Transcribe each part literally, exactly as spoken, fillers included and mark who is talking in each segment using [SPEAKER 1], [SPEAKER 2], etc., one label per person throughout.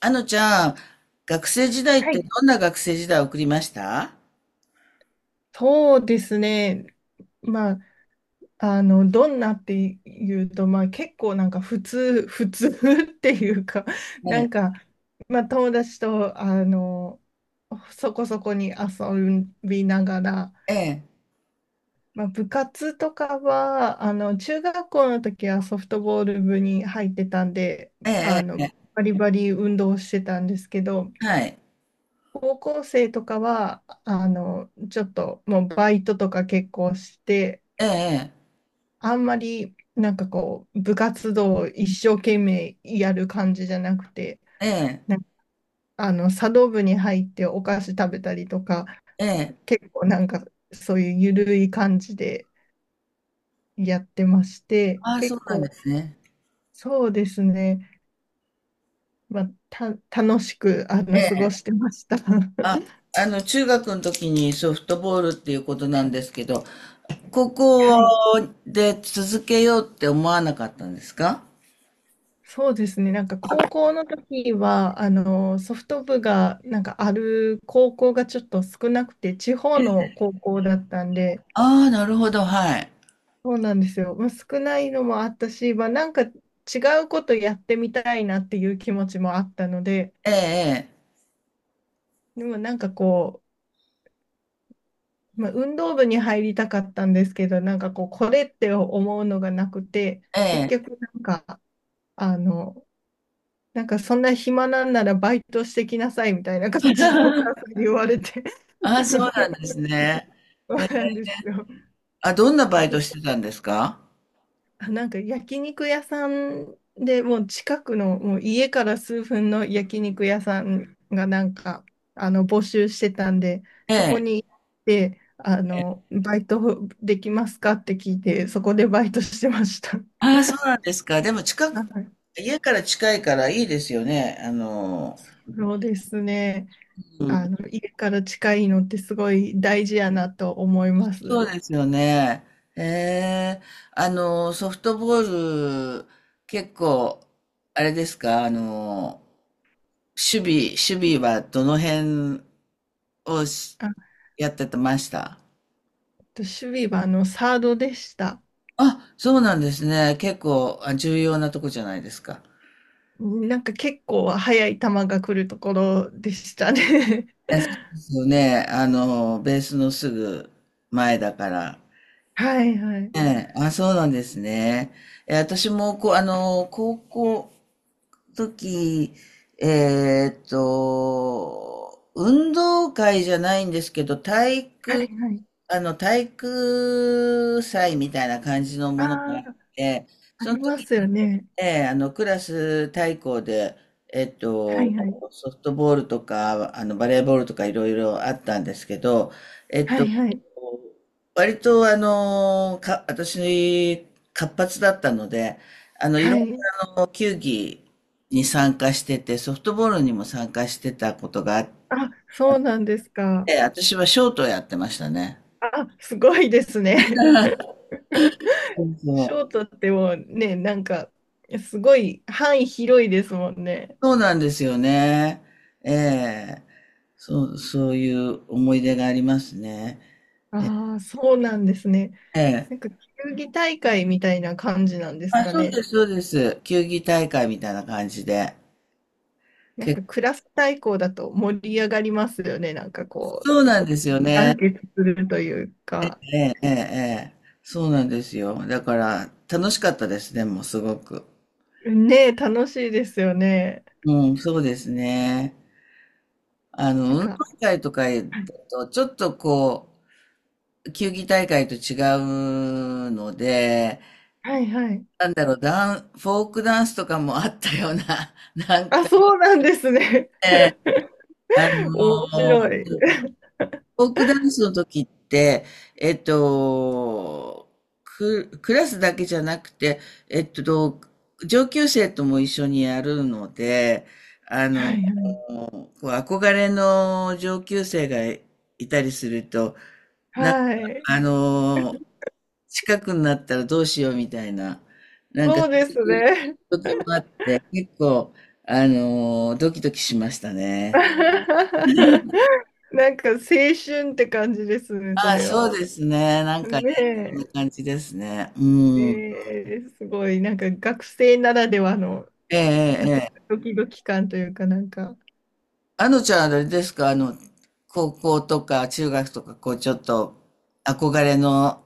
[SPEAKER 1] あのちゃん、学生時代っ
[SPEAKER 2] は
[SPEAKER 1] て
[SPEAKER 2] い。
[SPEAKER 1] どんな学生時代を送りました？
[SPEAKER 2] そうですね。まあ、あの、どんなっていうと、まあ結構なんか普通、普通 っていうか、
[SPEAKER 1] え
[SPEAKER 2] なん
[SPEAKER 1] え、
[SPEAKER 2] か、まあ友達と、あの、そこそこに遊びながら、
[SPEAKER 1] ええ、
[SPEAKER 2] まあ部活とかは、あの、中学校の時はソフトボール部に入ってたんで、
[SPEAKER 1] え
[SPEAKER 2] あの、
[SPEAKER 1] え、え
[SPEAKER 2] バリバリ運動してたんですけど、
[SPEAKER 1] え。はい、
[SPEAKER 2] 高校生とかは、あの、ちょっともうバイトとか結構して、
[SPEAKER 1] ええ、
[SPEAKER 2] あんまり、なんかこう、部活動を一生懸命やる感じじゃなくて、
[SPEAKER 1] ええ、
[SPEAKER 2] なんかあの、茶道部に入ってお菓子食べたりとか、
[SPEAKER 1] ええ。
[SPEAKER 2] 結構なんかそういうゆるい感じでやってまして、
[SPEAKER 1] ああ、そ
[SPEAKER 2] 結
[SPEAKER 1] うなんで
[SPEAKER 2] 構、
[SPEAKER 1] すね。
[SPEAKER 2] そうですね、まあ、た、楽しく、あの、過ごしてました。
[SPEAKER 1] あ、あの、中学の時にソフトボールっていうことなんですけど、高
[SPEAKER 2] は
[SPEAKER 1] 校
[SPEAKER 2] い、
[SPEAKER 1] で続けようって思わなかったんですか？
[SPEAKER 2] そうですね。なんか高校の時は、あの、ソフト部がなんかある高校がちょっと少なくて、地方の高校だったんで、
[SPEAKER 1] ああ、なるほど、はい。
[SPEAKER 2] そうなんですよ。まあ、少ないのもあったし、まあ、なんか違うことやってみたいなっていう気持ちもあったので、
[SPEAKER 1] ええ、
[SPEAKER 2] でもなんかこう、まあ、運動部に入りたかったんですけど、なんかこう、これって思うのがなくて、
[SPEAKER 1] ええ、
[SPEAKER 2] 結
[SPEAKER 1] ええ。
[SPEAKER 2] 局なんか、あの、なんかそんな暇なんならバイトしてきなさいみたいな感じでお母さん に言われて
[SPEAKER 1] ああ、そうなんです ね。
[SPEAKER 2] そ
[SPEAKER 1] え
[SPEAKER 2] うなんですよ。
[SPEAKER 1] あ、どんなバイトしてたんですか？
[SPEAKER 2] あなんか焼肉屋さんでもう近くのもう家から数分の焼肉屋さんがなんかあの募集してたんで、
[SPEAKER 1] え
[SPEAKER 2] そこ
[SPEAKER 1] え。
[SPEAKER 2] に行って、あのバイトできますかって聞いて、そこでバイトしてました。
[SPEAKER 1] あ あ、そうなんですか。でも近
[SPEAKER 2] は
[SPEAKER 1] く、
[SPEAKER 2] い、
[SPEAKER 1] 家から近いからいいですよね。あの、
[SPEAKER 2] そうですね。
[SPEAKER 1] う
[SPEAKER 2] あ
[SPEAKER 1] ん。
[SPEAKER 2] の家から近いのってすごい大事やなと思いま
[SPEAKER 1] そ
[SPEAKER 2] す。
[SPEAKER 1] うですよね。ええ、あの、ソフトボール、結構、あれですか、あの、守備、守備はどの辺をし
[SPEAKER 2] あ
[SPEAKER 1] やっててました？
[SPEAKER 2] と、守備はあのサードでした。
[SPEAKER 1] あ、そうなんですね。結構、あ、重要なとこじゃないですか。
[SPEAKER 2] なんか結構速い球が来るところでしたね。
[SPEAKER 1] え、そ うですよね。あの、ベースのすぐ前だから。
[SPEAKER 2] はいはい。
[SPEAKER 1] ええ、あ、そうなんですね。え、私も、こう、あの、高校の時、えーっと、運動会じゃないんですけど、体
[SPEAKER 2] はい
[SPEAKER 1] 育、
[SPEAKER 2] はい。
[SPEAKER 1] あの、体育祭みたいな感じの
[SPEAKER 2] あ
[SPEAKER 1] ものがあっ
[SPEAKER 2] あ、
[SPEAKER 1] て、
[SPEAKER 2] あ
[SPEAKER 1] その
[SPEAKER 2] りま
[SPEAKER 1] 時、
[SPEAKER 2] すよね。
[SPEAKER 1] ええ、あの、クラス対抗で、えっ
[SPEAKER 2] は
[SPEAKER 1] と、
[SPEAKER 2] いはい。
[SPEAKER 1] ソフトボールとか、あの、バレーボールとかいろいろあったんですけど、えっ
[SPEAKER 2] はい
[SPEAKER 1] と、
[SPEAKER 2] はい。
[SPEAKER 1] 割と、あの、か、私、活発だったので、あの、いろ
[SPEAKER 2] は
[SPEAKER 1] んな
[SPEAKER 2] い。
[SPEAKER 1] あの球技に参加してて、ソフトボールにも参加してたことがあっ
[SPEAKER 2] あ、そうなんですか。
[SPEAKER 1] て、私はショートをやってましたね。
[SPEAKER 2] あ、すごいですね。
[SPEAKER 1] そ う
[SPEAKER 2] ショー
[SPEAKER 1] そう。
[SPEAKER 2] トってもうね、なんか、すごい範囲広いですもんね。
[SPEAKER 1] そうなんですよね。ええ。そう、そういう思い出がありますね。え
[SPEAKER 2] ああ、そうなんですね。
[SPEAKER 1] え、
[SPEAKER 2] なんか、球技大会みたいな感じなんです
[SPEAKER 1] あ、
[SPEAKER 2] か
[SPEAKER 1] そう
[SPEAKER 2] ね。
[SPEAKER 1] です、そうです。球技大会みたいな感じで。
[SPEAKER 2] なんか、
[SPEAKER 1] け
[SPEAKER 2] クラス対抗だと盛り上がりますよね。なんかこ
[SPEAKER 1] そう
[SPEAKER 2] う、
[SPEAKER 1] なんですよ
[SPEAKER 2] 団
[SPEAKER 1] ね。
[SPEAKER 2] 結するという
[SPEAKER 1] ええ、
[SPEAKER 2] か。
[SPEAKER 1] ええ、ええ。そうなんですよ。だから、楽しかったですね、もうすごく。
[SPEAKER 2] ねえ、楽しいですよね。
[SPEAKER 1] うん、そうですね。あ
[SPEAKER 2] なん
[SPEAKER 1] の、運動
[SPEAKER 2] か、
[SPEAKER 1] 会とかだ
[SPEAKER 2] はい
[SPEAKER 1] と、ちょっとこう、球技大会と違うので、
[SPEAKER 2] はいはい。
[SPEAKER 1] なんだろう、ダン、フォークダンスとかもあったような、なん
[SPEAKER 2] あ、
[SPEAKER 1] か
[SPEAKER 2] そうなんですね。
[SPEAKER 1] ね、あ
[SPEAKER 2] 面
[SPEAKER 1] の
[SPEAKER 2] 白い。
[SPEAKER 1] ーフォークダンスの時って、えっと、ク、クラスだけじゃなくて、えっと、上級生とも一緒にやるので、あ
[SPEAKER 2] は
[SPEAKER 1] の、
[SPEAKER 2] いはい。
[SPEAKER 1] こう憧れの上級生がいたりすると、なんか、
[SPEAKER 2] はい。
[SPEAKER 1] あの、近くになったらどうしようみたいな、なんか、
[SPEAKER 2] そ
[SPEAKER 1] そ
[SPEAKER 2] うです
[SPEAKER 1] ういう
[SPEAKER 2] ね。
[SPEAKER 1] 時もあって、結構、あの、ドキドキしましたね。
[SPEAKER 2] なんか青春って感じですね、そ
[SPEAKER 1] ああ、
[SPEAKER 2] れ
[SPEAKER 1] そう
[SPEAKER 2] は。
[SPEAKER 1] ですね。なんかね、そんな
[SPEAKER 2] ね
[SPEAKER 1] 感じですね。う
[SPEAKER 2] え。
[SPEAKER 1] ん。
[SPEAKER 2] えーすごい、なんか学生ならではの
[SPEAKER 1] ええ、ええ、ええ。
[SPEAKER 2] ドキドキ感というか、なんか、
[SPEAKER 1] あのちゃんあれですか、あの、高校とか中学とか、こう、ちょっと憧れの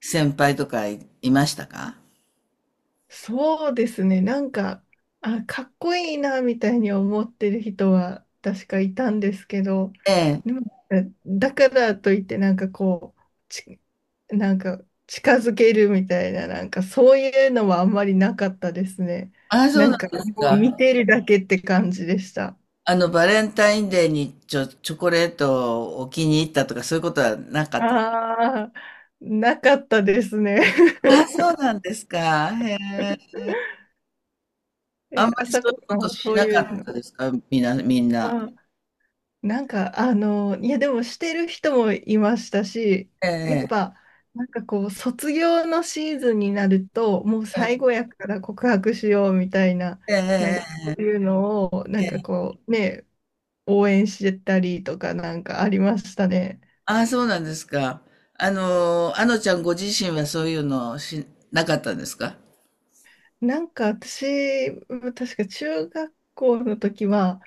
[SPEAKER 1] 先輩とかい、いましたか？
[SPEAKER 2] そうですね。なんか、あ、かっこいいな、みたいに思ってる人は確かいたんですけど、
[SPEAKER 1] え
[SPEAKER 2] で
[SPEAKER 1] え。
[SPEAKER 2] も、だからといって、なんかこう、ち、なんか近づけるみたいな、なんかそういうのはあんまりなかったですね。
[SPEAKER 1] ああ、そ
[SPEAKER 2] な
[SPEAKER 1] う
[SPEAKER 2] んか、
[SPEAKER 1] なんです
[SPEAKER 2] もう見
[SPEAKER 1] か。
[SPEAKER 2] てるだけって感じでした。
[SPEAKER 1] あの、バレンタインデーにちょ、チョコレートをお気に入ったとか、そういうことはなかった。
[SPEAKER 2] ああ、なかったですね。
[SPEAKER 1] ああ、そうなんですか。へ え。あ
[SPEAKER 2] え、
[SPEAKER 1] んま
[SPEAKER 2] あ
[SPEAKER 1] りそ
[SPEAKER 2] さ
[SPEAKER 1] うい
[SPEAKER 2] こ
[SPEAKER 1] う
[SPEAKER 2] さ
[SPEAKER 1] こと
[SPEAKER 2] ん、
[SPEAKER 1] し
[SPEAKER 2] そう
[SPEAKER 1] な
[SPEAKER 2] い
[SPEAKER 1] か
[SPEAKER 2] う
[SPEAKER 1] った
[SPEAKER 2] の。
[SPEAKER 1] ですか？みんな、みんな。
[SPEAKER 2] あなんか、あの、いや、でもしてる人もいましたし、
[SPEAKER 1] え
[SPEAKER 2] やっ
[SPEAKER 1] え、
[SPEAKER 2] ぱ、なんかこう、卒業のシーズンになると、もう最
[SPEAKER 1] え
[SPEAKER 2] 後やから告白しようみたいな、
[SPEAKER 1] え、
[SPEAKER 2] なん
[SPEAKER 1] え
[SPEAKER 2] か
[SPEAKER 1] え、
[SPEAKER 2] こういうのを、な
[SPEAKER 1] え
[SPEAKER 2] んか
[SPEAKER 1] え。
[SPEAKER 2] こう、ね、応援してたりとかなんかありましたね。
[SPEAKER 1] ああ、そうなんですか。あの、あのちゃんご自身はそういうのし、なかったんですか？
[SPEAKER 2] なんか私、ま確か中学校の時は、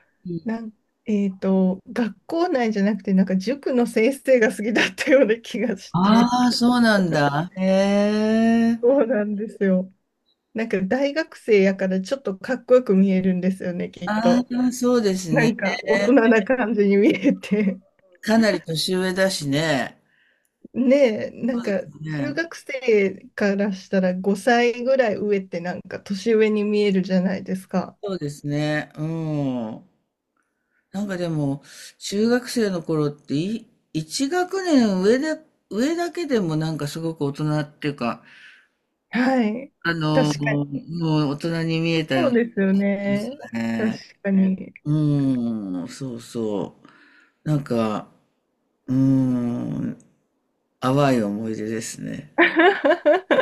[SPEAKER 2] なん、えっと、学校内じゃなくて、なんか塾の先生が好きだったような気がして。
[SPEAKER 1] ああ、そうなんだ。へえ。
[SPEAKER 2] そうなんですよ。なんか大学生やからちょっとかっこよく見えるんですよね、きっ
[SPEAKER 1] あ
[SPEAKER 2] と。
[SPEAKER 1] あ、そうです
[SPEAKER 2] な
[SPEAKER 1] ね。
[SPEAKER 2] んか大人な感じに見えて。
[SPEAKER 1] かなり年上だしね。
[SPEAKER 2] ねえ、なんか中
[SPEAKER 1] ね。
[SPEAKER 2] 学生からしたらごさいぐらい上ってなんか年上に見えるじゃないですか。
[SPEAKER 1] そうですね。うん。なんかでも、中学生の頃ってい、一学年上で、上だけでもなんかすごく大人っていうか、
[SPEAKER 2] はい。
[SPEAKER 1] あ
[SPEAKER 2] 確
[SPEAKER 1] の、
[SPEAKER 2] か
[SPEAKER 1] も
[SPEAKER 2] に。
[SPEAKER 1] う大人に見えたよう
[SPEAKER 2] そう
[SPEAKER 1] な気
[SPEAKER 2] ですよ
[SPEAKER 1] がす
[SPEAKER 2] ね。
[SPEAKER 1] る
[SPEAKER 2] 確
[SPEAKER 1] ね。
[SPEAKER 2] かに。
[SPEAKER 1] うーん、そうそう。なんか、うーん、淡い思い出ですね。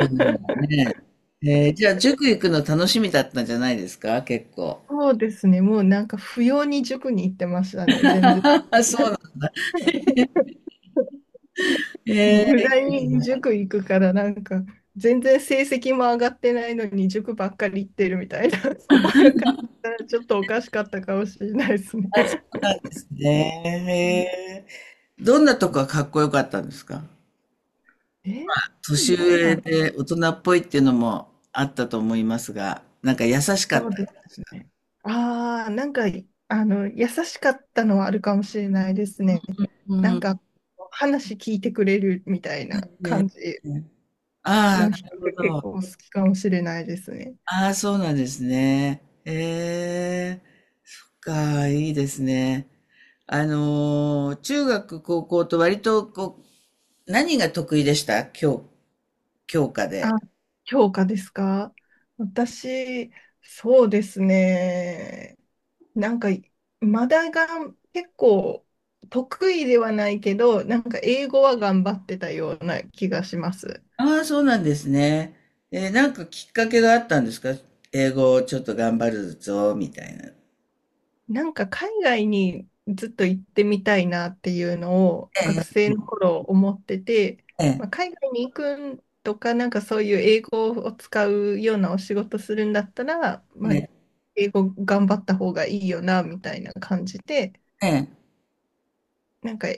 [SPEAKER 1] そう ね。えーじゃあ、塾行くの楽しみだったんじゃないですか結構？
[SPEAKER 2] そうですね。もうなんか不要に塾に行ってましたね、全然。
[SPEAKER 1] そうなん、え
[SPEAKER 2] 無駄に
[SPEAKER 1] ー、そう
[SPEAKER 2] 塾行くからなんか全然成績も上がってないのに塾ばっかり行ってるみたいな 親からしたらちょっとおかしかったかもしれないですね。
[SPEAKER 1] なんです
[SPEAKER 2] うん、
[SPEAKER 1] ね。へー、どんなとこがかっこよかったんですか？
[SPEAKER 2] えー、
[SPEAKER 1] 年
[SPEAKER 2] なん
[SPEAKER 1] 上
[SPEAKER 2] か
[SPEAKER 1] で大人っぽいっていうのもあったと思いますが、なんか優しか
[SPEAKER 2] そ
[SPEAKER 1] っ
[SPEAKER 2] う
[SPEAKER 1] た
[SPEAKER 2] で
[SPEAKER 1] です
[SPEAKER 2] す
[SPEAKER 1] か。
[SPEAKER 2] ね。ああ、なんかあの優しかったのはあるかもしれないですね。
[SPEAKER 1] う
[SPEAKER 2] なん
[SPEAKER 1] ん。
[SPEAKER 2] か話聞いてくれるみたいな感
[SPEAKER 1] ね、
[SPEAKER 2] じ
[SPEAKER 1] あ
[SPEAKER 2] の
[SPEAKER 1] あ、
[SPEAKER 2] 人
[SPEAKER 1] なるほ
[SPEAKER 2] が結
[SPEAKER 1] ど。
[SPEAKER 2] 構好きかもしれないですね。
[SPEAKER 1] ああ、そうなんですね。ええ、そっか、いいですね。あのー、中学、高校と割と、こう、何が得意でした？教、教科
[SPEAKER 2] あ、
[SPEAKER 1] で。
[SPEAKER 2] 評価ですか？私、そうですね。なんか、まだが結構得意ではないけど、なんか英語は頑張ってたような気がします。
[SPEAKER 1] ああ、そうなんですね。えー、なんかきっかけがあったんですか？英語をちょっと頑張るぞ、みたいな。
[SPEAKER 2] なんか海外にずっと行ってみたいなっていうのを学
[SPEAKER 1] ええ、
[SPEAKER 2] 生の頃思ってて、
[SPEAKER 1] え
[SPEAKER 2] まあ、
[SPEAKER 1] え、
[SPEAKER 2] 海外に行くんとか、なんかそういう英語を使うようなお仕事するんだったら、まあ、
[SPEAKER 1] ええ、
[SPEAKER 2] 英語頑張った方がいいよなみたいな感じで、
[SPEAKER 1] ええ。
[SPEAKER 2] なんか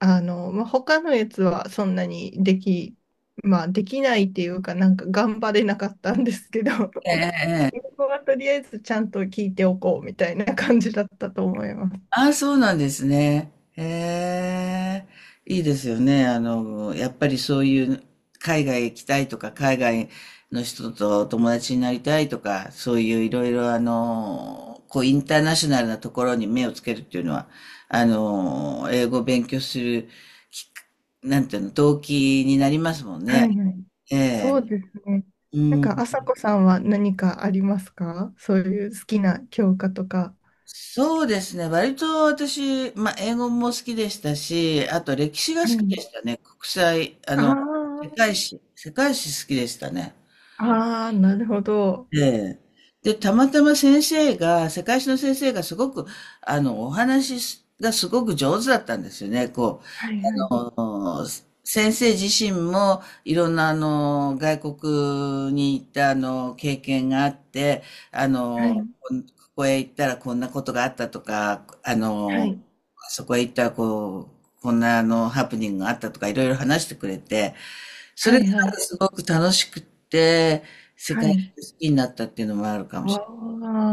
[SPEAKER 2] あの、まあ、他のやつはそんなにでき、まあ、できないっていうか、なんか頑張れなかったんですけど、英語はとりあえずちゃんと聞いておこうみたいな感じだったと思います。
[SPEAKER 1] ああ、そうなんですね。へえ、いいですよね。あの、やっぱりそういう海外行きたいとか、海外の人と友達になりたいとか、そういういろいろあの、こうインターナショナルなところに目をつけるっていうのは、あの、英語を勉強するきっか、なんていうの、動機になりますもん
[SPEAKER 2] はい
[SPEAKER 1] ね。
[SPEAKER 2] はい。
[SPEAKER 1] え
[SPEAKER 2] そ
[SPEAKER 1] え、
[SPEAKER 2] うですね。
[SPEAKER 1] う
[SPEAKER 2] なんか、あさ
[SPEAKER 1] ん。
[SPEAKER 2] こさんは何かありますか、そういう好きな教科とか。
[SPEAKER 1] そうですね。割と私、まあ、英語も好きでしたし、あと歴史が好
[SPEAKER 2] は
[SPEAKER 1] き
[SPEAKER 2] い。
[SPEAKER 1] でしたね。国際、あの、世
[SPEAKER 2] あ
[SPEAKER 1] 界史、世界史好きでしたね。
[SPEAKER 2] あ、ああ、なるほど。
[SPEAKER 1] ええ。で、たまたま先生が、世界史の先生がすごく、あの、お話がすごく上手だったんですよね。こ
[SPEAKER 2] はいはい
[SPEAKER 1] あの先生自身もいろんなあの外国に行ったあの経験があって、あ
[SPEAKER 2] は
[SPEAKER 1] の、
[SPEAKER 2] い。
[SPEAKER 1] こここへ行ったらこんなことがあったとか、あ
[SPEAKER 2] は
[SPEAKER 1] の、
[SPEAKER 2] い。
[SPEAKER 1] そこへ行ったらこうこんなあのハプニングがあったとか、いろいろ話してくれて、そ
[SPEAKER 2] は
[SPEAKER 1] れが
[SPEAKER 2] いはい。
[SPEAKER 1] すごく楽しくって、世
[SPEAKER 2] は
[SPEAKER 1] 界中
[SPEAKER 2] い。
[SPEAKER 1] 好きになったっていうのもあるかも
[SPEAKER 2] あ
[SPEAKER 1] しれ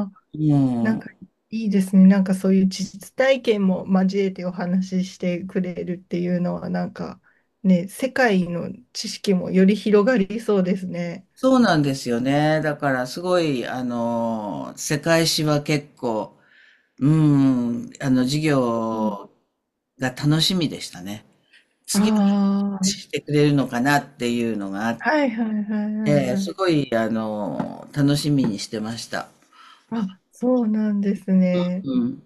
[SPEAKER 2] あ、
[SPEAKER 1] ない。
[SPEAKER 2] なん
[SPEAKER 1] うん、
[SPEAKER 2] かいいですね。なんかそういう実体験も交えてお話ししてくれるっていうのは、なんかね、世界の知識もより広がりそうですね。
[SPEAKER 1] そうなんですよね。だからすごいあの世界史は結構、うーん、あの、授
[SPEAKER 2] うん。
[SPEAKER 1] 業が楽しみでしたね。
[SPEAKER 2] あ
[SPEAKER 1] 次、
[SPEAKER 2] あ、
[SPEAKER 1] してくれるのかなっていうのがあっ
[SPEAKER 2] はいはいはいはい
[SPEAKER 1] て、
[SPEAKER 2] はい。
[SPEAKER 1] すごい、あの、楽しみにしてました。
[SPEAKER 2] あ、そうなんですね。
[SPEAKER 1] うん。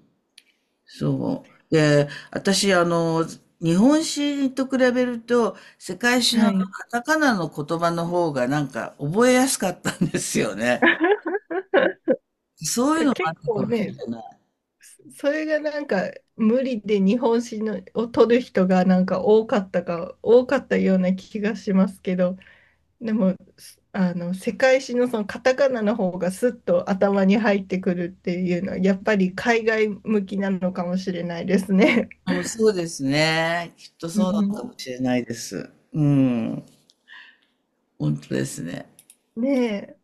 [SPEAKER 1] そう。で、私、あの、日本史と比べると、世界史のあ
[SPEAKER 2] は
[SPEAKER 1] の
[SPEAKER 2] い。
[SPEAKER 1] カタカナの言葉の方がなんか覚えやすかったんですよね。そういうのもあっ
[SPEAKER 2] 結
[SPEAKER 1] たか
[SPEAKER 2] 構
[SPEAKER 1] もしれ
[SPEAKER 2] ね、
[SPEAKER 1] ない。
[SPEAKER 2] それがなんか無理で日本史のを取る人がなんか多かったか、多かったような気がしますけど、でも、すあの、世界史のそのカタカナの方がスッと頭に入ってくるっていうのは、やっぱり海外向きなのかもしれないですね。
[SPEAKER 1] うん、そうですね。きっと
[SPEAKER 2] う
[SPEAKER 1] そうなの
[SPEAKER 2] ん、
[SPEAKER 1] かもしれないです。うん。本当ですね。
[SPEAKER 2] ねえ。